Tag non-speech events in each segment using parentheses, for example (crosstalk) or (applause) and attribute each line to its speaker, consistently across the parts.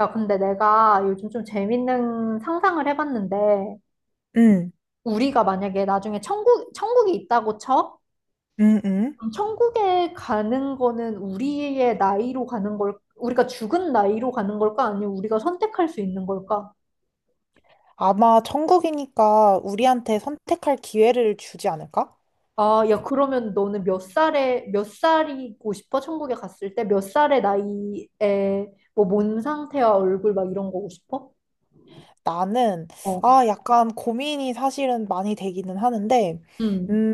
Speaker 1: 야, 근데 내가 요즘 좀 재밌는 상상을 해봤는데,
Speaker 2: 응,
Speaker 1: 우리가 만약에 나중에 천국이 있다고 쳐?
Speaker 2: 응, 응.
Speaker 1: 그럼 천국에 가는 거는 우리의 나이로 가는 걸, 우리가 죽은 나이로 가는 걸까? 아니면 우리가 선택할 수 있는 걸까?
Speaker 2: 아마 천국이니까 우리한테 선택할 기회를 주지 않을까?
Speaker 1: 아, 야, 그러면 너는 몇 살이고 싶어? 천국에 갔을 때? 몇 살의 나이에, 뭐, 몸 상태와 얼굴 막 이런 거고 싶어?
Speaker 2: 나는,
Speaker 1: 어,
Speaker 2: 약간 고민이 사실은 많이 되기는 하는데,
Speaker 1: 음,
Speaker 2: 음,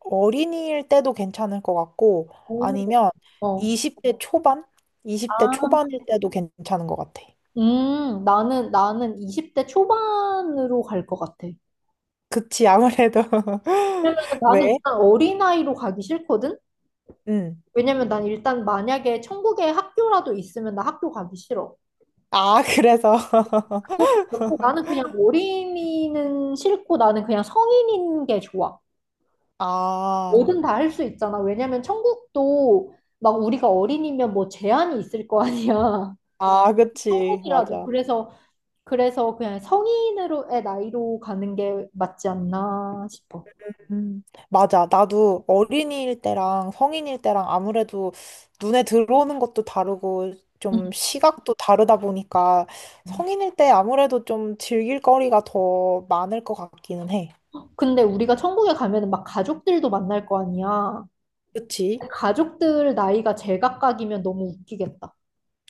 Speaker 2: 어린이일 때도 괜찮을 것 같고,
Speaker 1: 오,
Speaker 2: 아니면
Speaker 1: 어.
Speaker 2: 20대 초반? 20대 초반일 때도 괜찮은 것 같아.
Speaker 1: 나는 20대 초반으로 갈 것 같아.
Speaker 2: 그치, 아무래도. (laughs)
Speaker 1: 왜냐면 나는
Speaker 2: 왜?
Speaker 1: 일단 어린아이로 가기 싫거든?
Speaker 2: 응.
Speaker 1: 왜냐면 난 일단 만약에 천국에 학교라도 있으면 나 학교 가기 싫어.
Speaker 2: 아, 그래서.
Speaker 1: 그래서 그렇고 나는
Speaker 2: (laughs)
Speaker 1: 그냥 어린이는 싫고 나는 그냥 성인인 게 좋아.
Speaker 2: 아,
Speaker 1: 뭐든 다 할 수 있잖아. 왜냐면 천국도 막 우리가 어린이면 뭐 제한이 있을 거 아니야.
Speaker 2: 아,
Speaker 1: (laughs)
Speaker 2: 그치,
Speaker 1: 천국이라도.
Speaker 2: 맞아.
Speaker 1: 그래서 그냥 성인으로의 나이로 가는 게 맞지 않나 싶어.
Speaker 2: 음, 맞아. 나도 어린이일 때랑 성인일 때랑 아무래도 눈에 들어오는 것도 다르고 좀 시각도 다르다 보니까
Speaker 1: 응.
Speaker 2: 성인일 때 아무래도 좀 즐길 거리가 더 많을 것 같기는 해.
Speaker 1: 근데 우리가 천국에 가면은 막 가족들도 만날 거 아니야.
Speaker 2: 그치?
Speaker 1: 가족들 나이가 제각각이면 너무 웃기겠다.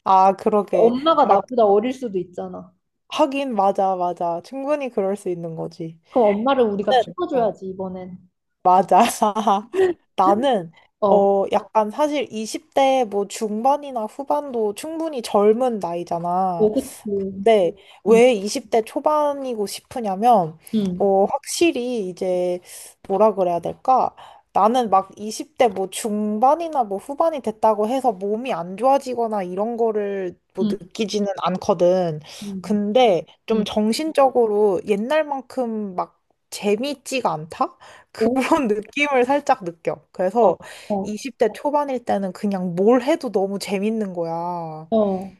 Speaker 2: 아, 그러게.
Speaker 1: 엄마가
Speaker 2: 막,
Speaker 1: 나보다 어릴 수도 있잖아.
Speaker 2: 하긴, 맞아, 맞아. 충분히 그럴 수 있는 거지.
Speaker 1: 그럼 엄마를 우리가
Speaker 2: 네. 어,
Speaker 1: 키워줘야지, 이번엔.
Speaker 2: 맞아. (laughs) 나는,
Speaker 1: 어,
Speaker 2: 약간 사실 20대 뭐 중반이나 후반도 충분히 젊은 나이잖아.
Speaker 1: 오, 그치.
Speaker 2: 네,
Speaker 1: 응,
Speaker 2: 왜 20대 초반이고 싶으냐면,
Speaker 1: 응,
Speaker 2: 확실히 이제, 뭐라 그래야 될까? 나는 막 20대 뭐 중반이나 뭐 후반이 됐다고 해서 몸이 안 좋아지거나 이런 거를 뭐
Speaker 1: 응,
Speaker 2: 느끼지는 않거든.
Speaker 1: 응,
Speaker 2: 근데 좀
Speaker 1: 응.
Speaker 2: 정신적으로 옛날만큼 막 재밌지가 않다? 그런
Speaker 1: 오,
Speaker 2: (laughs) 느낌을 살짝 느껴.
Speaker 1: 어,
Speaker 2: 그래서
Speaker 1: 어,
Speaker 2: 20대 초반일 때는 그냥 뭘 해도 너무 재밌는 거야.
Speaker 1: 어,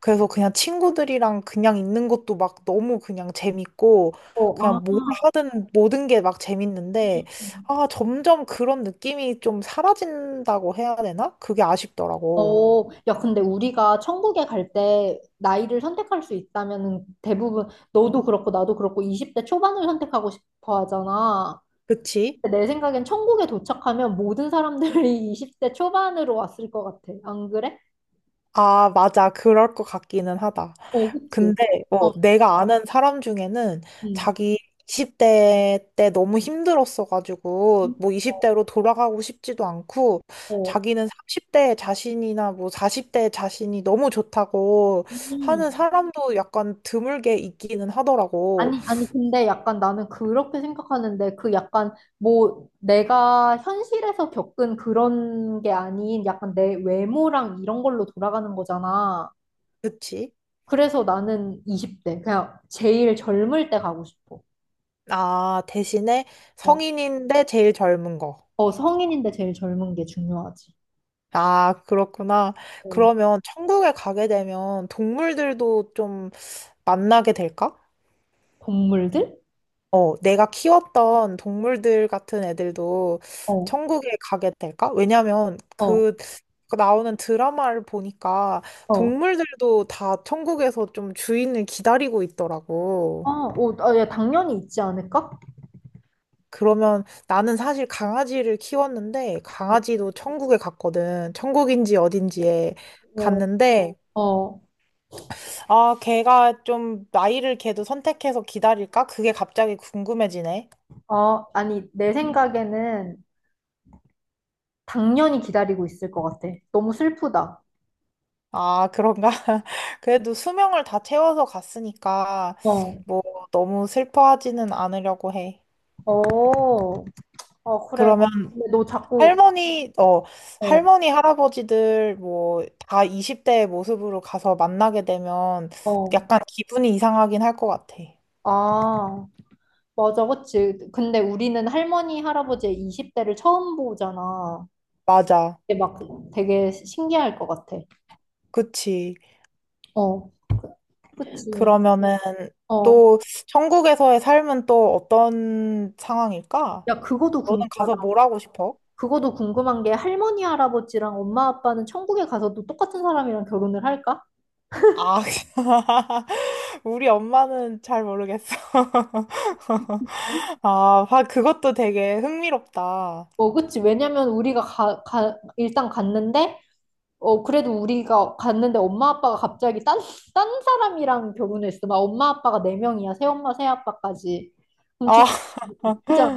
Speaker 2: 그래서 그냥 친구들이랑 그냥 있는 것도 막 너무 그냥 재밌고,
Speaker 1: 어, 아.
Speaker 2: 그냥 뭘 하든 모든 게 막 재밌는데, 아, 점점 그런 느낌이 좀 사라진다고 해야 되나? 그게 아쉽더라고.
Speaker 1: 어, 야, 근데 우리가 천국에 갈 때 나이를 선택할 수 있다면은 대부분 너도 그렇고 나도 그렇고 20대 초반을 선택하고 싶어 하잖아.
Speaker 2: 그치?
Speaker 1: 내 생각엔 천국에 도착하면 모든 사람들이 (laughs) 20대 초반으로 왔을 것 같아. 안 그래?
Speaker 2: 아, 맞아. 그럴 것 같기는 하다.
Speaker 1: 어, 그치.
Speaker 2: 근데
Speaker 1: 어,
Speaker 2: 내가 아는 사람 중에는
Speaker 1: 음,
Speaker 2: 자기 20대 때 너무
Speaker 1: 음,
Speaker 2: 힘들었어가지고 뭐 20대로 돌아가고 싶지도 않고
Speaker 1: 어.
Speaker 2: 자기는 30대 자신이나 뭐 40대 자신이 너무 좋다고 하는
Speaker 1: 음.
Speaker 2: 사람도 약간 드물게 있기는 하더라고.
Speaker 1: 아니, 아니, 근데 약간 나는 그렇게 생각하는데, 그 약간 뭐 내가 현실에서 겪은 그런 게 아닌 약간 내 외모랑 이런 걸로 돌아가는 거잖아.
Speaker 2: 그치?
Speaker 1: 그래서 나는 20대, 그냥 제일 젊을 때 가고 싶어.
Speaker 2: 아, 대신에
Speaker 1: 어,
Speaker 2: 성인인데 제일 젊은 거.
Speaker 1: 어 성인인데 제일 젊은 게 중요하지.
Speaker 2: 아, 그렇구나.
Speaker 1: 어,
Speaker 2: 그러면 천국에 가게 되면 동물들도 좀 만나게 될까?
Speaker 1: 동물들?
Speaker 2: 내가 키웠던 동물들 같은 애들도
Speaker 1: 어,
Speaker 2: 천국에 가게 될까? 왜냐면
Speaker 1: 어.
Speaker 2: 그 나오는 드라마를 보니까
Speaker 1: 어,
Speaker 2: 동물들도 다 천국에서 좀 주인을 기다리고
Speaker 1: 아,
Speaker 2: 있더라고.
Speaker 1: 어, 아, 야, 당연히 있지 않을까?
Speaker 2: 그러면 나는 사실 강아지를 키웠는데 강아지도 천국에 갔거든. 천국인지 어딘지에
Speaker 1: 어,
Speaker 2: 갔는데
Speaker 1: 어,
Speaker 2: 아, 걔가 좀 나이를 걔도 선택해서 기다릴까? 그게 갑자기 궁금해지네.
Speaker 1: 어, 아니, 내 생각에는 당연히 기다리고 있을 것 같아. 너무 슬프다.
Speaker 2: 아, 그런가? (laughs) 그래도 수명을 다 채워서 갔으니까,
Speaker 1: 어,
Speaker 2: 뭐, 너무 슬퍼하지는 않으려고 해.
Speaker 1: 어, 어, 그래.
Speaker 2: 그러면
Speaker 1: 근데 너 자꾸,
Speaker 2: 할머니, 어,
Speaker 1: 어,
Speaker 2: 할머니, 할아버지들, 뭐, 다 20대의 모습으로 가서 만나게 되면
Speaker 1: 어,
Speaker 2: 약간 기분이 이상하긴 할 것 같아.
Speaker 1: 아, 맞아, 그치. 근데 우리는 할머니, 할아버지의 20대를 처음 보잖아.
Speaker 2: 맞아.
Speaker 1: 근데 막 되게 신기할 것 같아.
Speaker 2: 그치.
Speaker 1: 어, 그치.
Speaker 2: 그러면은
Speaker 1: 어,
Speaker 2: 또, 천국에서의 삶은 또 어떤 상황일까?
Speaker 1: 야, 그거도
Speaker 2: 너는 가서
Speaker 1: 궁금하다.
Speaker 2: 뭘 하고 싶어?
Speaker 1: 그거도 궁금한 게 할머니, 할아버지랑 엄마, 아빠는 천국에 가서도 똑같은 사람이랑 결혼을 할까?
Speaker 2: 아, (laughs) 우리 엄마는 잘 모르겠어. (laughs) 아, 아, 그것도 되게 흥미롭다.
Speaker 1: 어, 그치. 왜냐면 우리가 일단 갔는데, 어, 그래도 우리가 갔는데 엄마, 아빠가 갑자기 딴 사람이랑 결혼했어. 막 엄마, 아빠가 네명이야 새엄마, 새아빠까지. 그럼 좀
Speaker 2: 아, (laughs)
Speaker 1: 웃기잖아.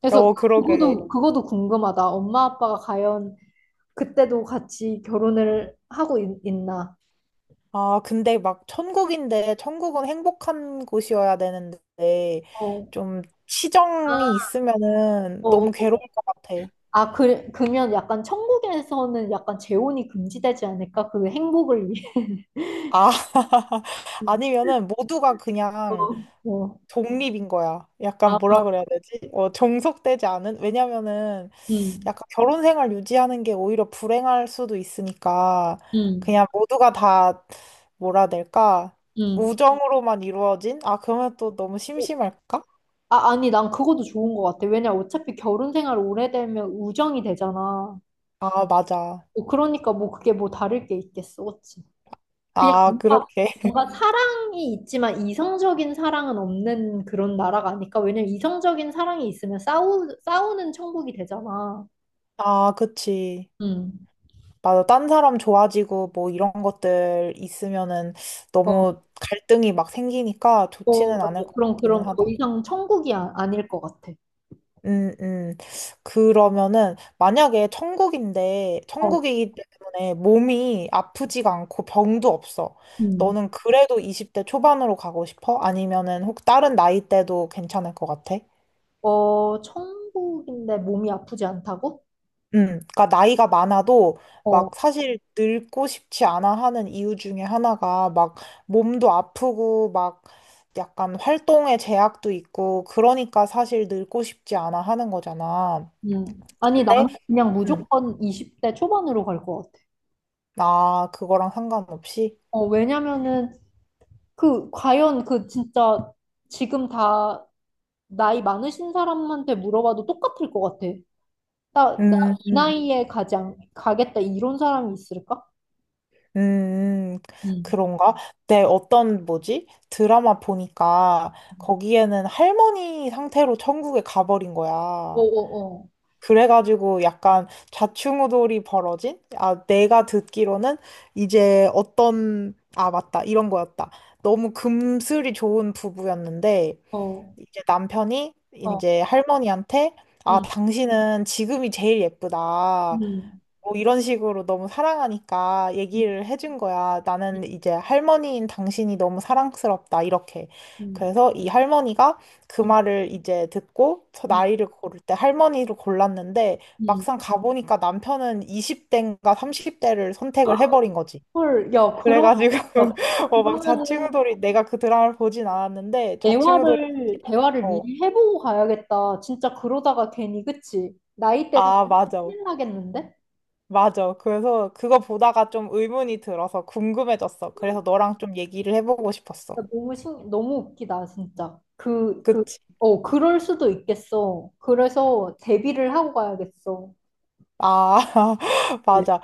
Speaker 1: 그래서
Speaker 2: 어, 그러게.
Speaker 1: 그거도 궁금하다. 엄마, 아빠가 과연 그때도 같이 결혼을 하고 나
Speaker 2: 아, 근데 막 천국인데, 천국은 행복한 곳이어야 되는데,
Speaker 1: 어, 어,
Speaker 2: 좀 치정이 있으면은
Speaker 1: 어,
Speaker 2: 너무 괴로울
Speaker 1: 어.
Speaker 2: 것 같아.
Speaker 1: 아, 그러면 약간 천국에서는 약간 재혼이 금지되지 않을까? 그 행복을 위해.
Speaker 2: 아, (laughs)
Speaker 1: (laughs)
Speaker 2: 아니면은 모두가
Speaker 1: 어,
Speaker 2: 그냥
Speaker 1: 어.
Speaker 2: 독립인 거야. 약간
Speaker 1: 아,
Speaker 2: 뭐라 그래야 되지? 종속되지 않은? 왜냐면은,
Speaker 1: 음,
Speaker 2: 약간 결혼 생활 유지하는 게 오히려 불행할 수도 있으니까
Speaker 1: 음,
Speaker 2: 그냥 모두가 다 뭐라 해야 될까?
Speaker 1: 음.
Speaker 2: 우정으로만 이루어진? 아, 그러면 또 너무
Speaker 1: 어,
Speaker 2: 심심할까?
Speaker 1: 아, 아니, 난 그것도 좋은 것 같아. 왜냐, 어차피 결혼 생활 오래되면 우정이 되잖아.
Speaker 2: 아, 맞아.
Speaker 1: 어, 그러니까 뭐 그게 뭐 다를 게 있겠어, 그치? 그냥
Speaker 2: 아, 그렇게. (laughs)
Speaker 1: 뭔가 사랑이 있지만 이성적인 사랑은 없는 그런 나라가 아닐까? 왜냐면 이성적인 사랑이 있으면 싸우는 천국이 되잖아.
Speaker 2: 아, 그치.
Speaker 1: 음.
Speaker 2: 맞아. 딴 사람 좋아지고 뭐 이런 것들 있으면은 너무 갈등이 막 생기니까
Speaker 1: 어,
Speaker 2: 좋지는
Speaker 1: 맞아.
Speaker 2: 않을 것 같기는
Speaker 1: 그럼 더
Speaker 2: 하다.
Speaker 1: 이상 천국이 아닐 것 같아.
Speaker 2: 음, 음. 그러면은, 만약에 천국인데,
Speaker 1: 어,
Speaker 2: 천국이기 때문에 몸이 아프지가 않고 병도 없어.
Speaker 1: 음.
Speaker 2: 너는 그래도 20대 초반으로 가고 싶어? 아니면은 혹 다른 나이대도 괜찮을 것 같아?
Speaker 1: 어, 천국인데 몸이 아프지 않다고?
Speaker 2: 그러니까 나이가 많아도
Speaker 1: 어,
Speaker 2: 막 사실 늙고 싶지 않아 하는 이유 중에 하나가 막 몸도 아프고 막 약간 활동에 제약도 있고 그러니까 사실 늙고 싶지 않아 하는 거잖아.
Speaker 1: 아니,
Speaker 2: 근데
Speaker 1: 나는 그냥
Speaker 2: 음,
Speaker 1: 무조건 20대 초반으로 갈 것 같아.
Speaker 2: 아, 그거랑 상관없이?
Speaker 1: 어, 왜냐면은, 그, 과연 그 진짜 지금 다 나이 많으신 사람한테 물어봐도 똑같을 것 같아. 나
Speaker 2: 음,
Speaker 1: 이
Speaker 2: 음,
Speaker 1: 나이에 가겠다 이런 사람이 있을까?
Speaker 2: 음,
Speaker 1: 음.
Speaker 2: 그런가? 내 어떤, 뭐지? 드라마 보니까 거기에는 할머니 상태로 천국에 가버린
Speaker 1: 어,
Speaker 2: 거야.
Speaker 1: 어,
Speaker 2: 그래가지고 약간 좌충우돌이 벌어진? 아, 내가 듣기로는 이제 어떤, 아, 맞다. 이런 거였다. 너무 금슬이 좋은 부부였는데,
Speaker 1: 어.
Speaker 2: 이제 남편이
Speaker 1: 어, 어,
Speaker 2: 이제 할머니한테 아,
Speaker 1: 음,
Speaker 2: 당신은 지금이 제일 예쁘다.
Speaker 1: 음,
Speaker 2: 뭐 이런 식으로 너무 사랑하니까
Speaker 1: 음,
Speaker 2: 얘기를 해준 거야. 나는 이제 할머니인 당신이 너무 사랑스럽다. 이렇게.
Speaker 1: 음,
Speaker 2: 그래서 이 할머니가 그
Speaker 1: 음,
Speaker 2: 말을 이제 듣고 저
Speaker 1: 음.
Speaker 2: 나이를 고를 때 할머니를 골랐는데
Speaker 1: 음.
Speaker 2: 막상 가보니까 남편은 20대인가 30대를 선택을 해버린 거지.
Speaker 1: 헐, 야,
Speaker 2: 그래가지고
Speaker 1: 야, 진짜
Speaker 2: (laughs) 막
Speaker 1: 그러면은
Speaker 2: 좌충우돌이 내가 그 드라마를 보진 않았는데 좌충우돌이
Speaker 1: 대화를
Speaker 2: 어,
Speaker 1: 미리 해보고 가야겠다. 진짜 그러다가 괜히, 그치? 나이 때 다
Speaker 2: 아, 맞아,
Speaker 1: 큰일 나겠는데?
Speaker 2: 맞아. 그래서 그거 보다가 좀 의문이 들어서 궁금해졌어. 그래서 너랑 좀 얘기를 해보고 싶었어.
Speaker 1: 야, 너무 웃기다, 진짜.
Speaker 2: 그치.
Speaker 1: 어, 그럴 수도 있겠어. 그래서 대비를 하고 가야겠어.
Speaker 2: 아, (laughs)
Speaker 1: 네.
Speaker 2: 맞아.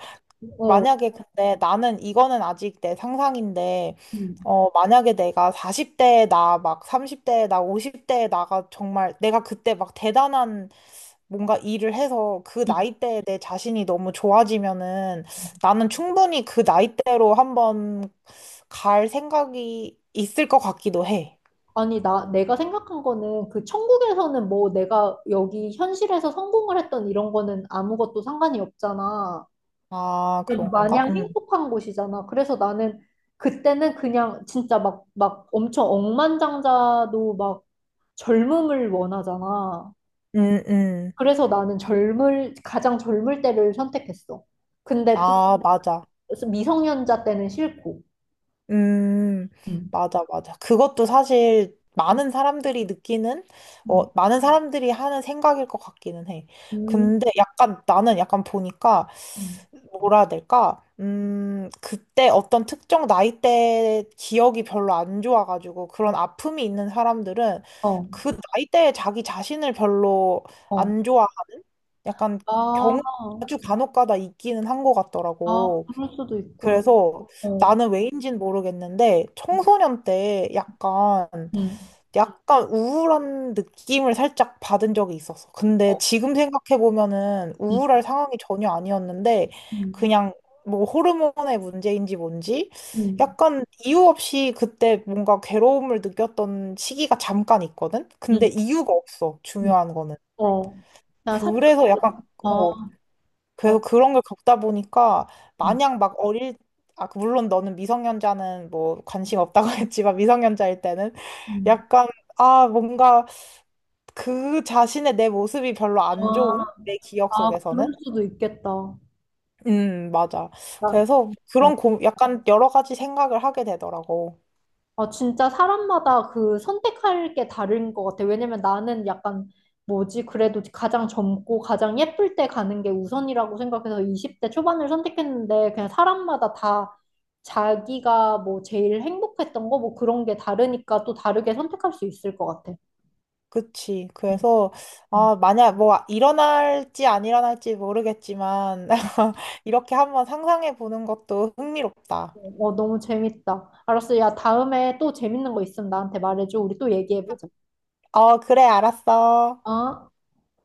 Speaker 1: 어,
Speaker 2: 만약에 근데 나는 이거는 아직 내 상상인데
Speaker 1: 음.
Speaker 2: 만약에 내가 40대에 나 막 30대에 나 50대에 나가 정말 내가 그때 막 대단한 뭔가 일을 해서 그
Speaker 1: 음.
Speaker 2: 나이대에 내 자신이 너무 좋아지면은
Speaker 1: 음.
Speaker 2: 나는 충분히 그 나이대로 한번 갈 생각이 있을 것 같기도 해.
Speaker 1: 아니, 내가 생각한 거는 그 천국에서는 뭐 내가 여기 현실에서 성공을 했던 이런 거는 아무것도 상관이 없잖아.
Speaker 2: 아, 그런가?
Speaker 1: 마냥
Speaker 2: 응,
Speaker 1: 행복한 곳이잖아. 그래서 나는 그때는 그냥 진짜 막 엄청 억만장자도 막 젊음을 원하잖아.
Speaker 2: 응, 응.
Speaker 1: 그래서 나는 가장 젊을 때를 선택했어. 근데 또
Speaker 2: 아, 맞아.
Speaker 1: 미성년자 때는 싫고.
Speaker 2: 음,
Speaker 1: 음.
Speaker 2: 맞아, 맞아. 그것도 사실 많은 사람들이 느끼는,
Speaker 1: 음.
Speaker 2: 많은 사람들이 하는 생각일 것 같기는 해.
Speaker 1: 음.
Speaker 2: 근데 약간 나는 약간 보니까,
Speaker 1: 음.
Speaker 2: 뭐라 해야 될까? 그때 어떤 특정 나이대 기억이 별로 안 좋아가지고 그런 아픔이 있는 사람들은
Speaker 1: 어,
Speaker 2: 그 나이대에 자기 자신을 별로
Speaker 1: 어.
Speaker 2: 안 좋아. 약간
Speaker 1: 아,
Speaker 2: 경우 아주 간혹 가다 있기는 한 것
Speaker 1: 아,
Speaker 2: 같더라고.
Speaker 1: 그럴 수도 있구나.
Speaker 2: 그래서
Speaker 1: 어.
Speaker 2: 나는 왜인진 모르겠는데 청소년 때 약간
Speaker 1: 음.
Speaker 2: 약간 우울한 느낌을 살짝 받은 적이 있었어. 근데
Speaker 1: 어.
Speaker 2: 지금 생각해 보면은
Speaker 1: 음.
Speaker 2: 우울할 상황이 전혀 아니었는데
Speaker 1: 음.
Speaker 2: 그냥 뭐 호르몬의 문제인지 뭔지
Speaker 1: 음.
Speaker 2: 약간 이유 없이 그때 뭔가 괴로움을 느꼈던 시기가 잠깐 있거든.
Speaker 1: 음.
Speaker 2: 근데 이유가 없어.
Speaker 1: 음.
Speaker 2: 중요한 거는.
Speaker 1: 어. 나 사춘기.
Speaker 2: 그래서 약간
Speaker 1: 아. 어.
Speaker 2: 그래서 그런 걸 겪다 보니까 마냥 막 어릴, 아, 그 물론 너는 미성년자는 뭐 관심 없다고 (laughs) 했지만 미성년자일 때는
Speaker 1: 음.
Speaker 2: 약간, 아, 뭔가 그 자신의 내 모습이 별로 안
Speaker 1: 아,
Speaker 2: 좋은 내 기억
Speaker 1: 아, 그럴
Speaker 2: 속에서는.
Speaker 1: 수도 있겠다.
Speaker 2: 음, 맞아.
Speaker 1: 나,
Speaker 2: 그래서 그런
Speaker 1: 어.
Speaker 2: 고, 약간 여러 가지 생각을 하게 되더라고.
Speaker 1: 아, 진짜 사람마다 그 선택할 게 다른 것 같아. 왜냐면 나는 약간 뭐지? 그래도 가장 젊고 가장 예쁠 때 가는 게 우선이라고 생각해서 20대 초반을 선택했는데 그냥 사람마다 다 자기가 뭐 제일 행복했던 거 뭐 그런 게 다르니까 또 다르게 선택할 수 있을 것 같아.
Speaker 2: 그치.
Speaker 1: 응,
Speaker 2: 그래서
Speaker 1: 응.
Speaker 2: 아, 만약 뭐 일어날지 안 일어날지 모르겠지만
Speaker 1: 응.
Speaker 2: (laughs) 이렇게 한번 상상해 보는 것도 흥미롭다.
Speaker 1: 어, 너무 재밌다. 알았어. 야, 다음에 또 재밌는 거 있으면 나한테 말해줘. 우리 또 얘기해보자.
Speaker 2: 어, 그래, 알았어.
Speaker 1: 어?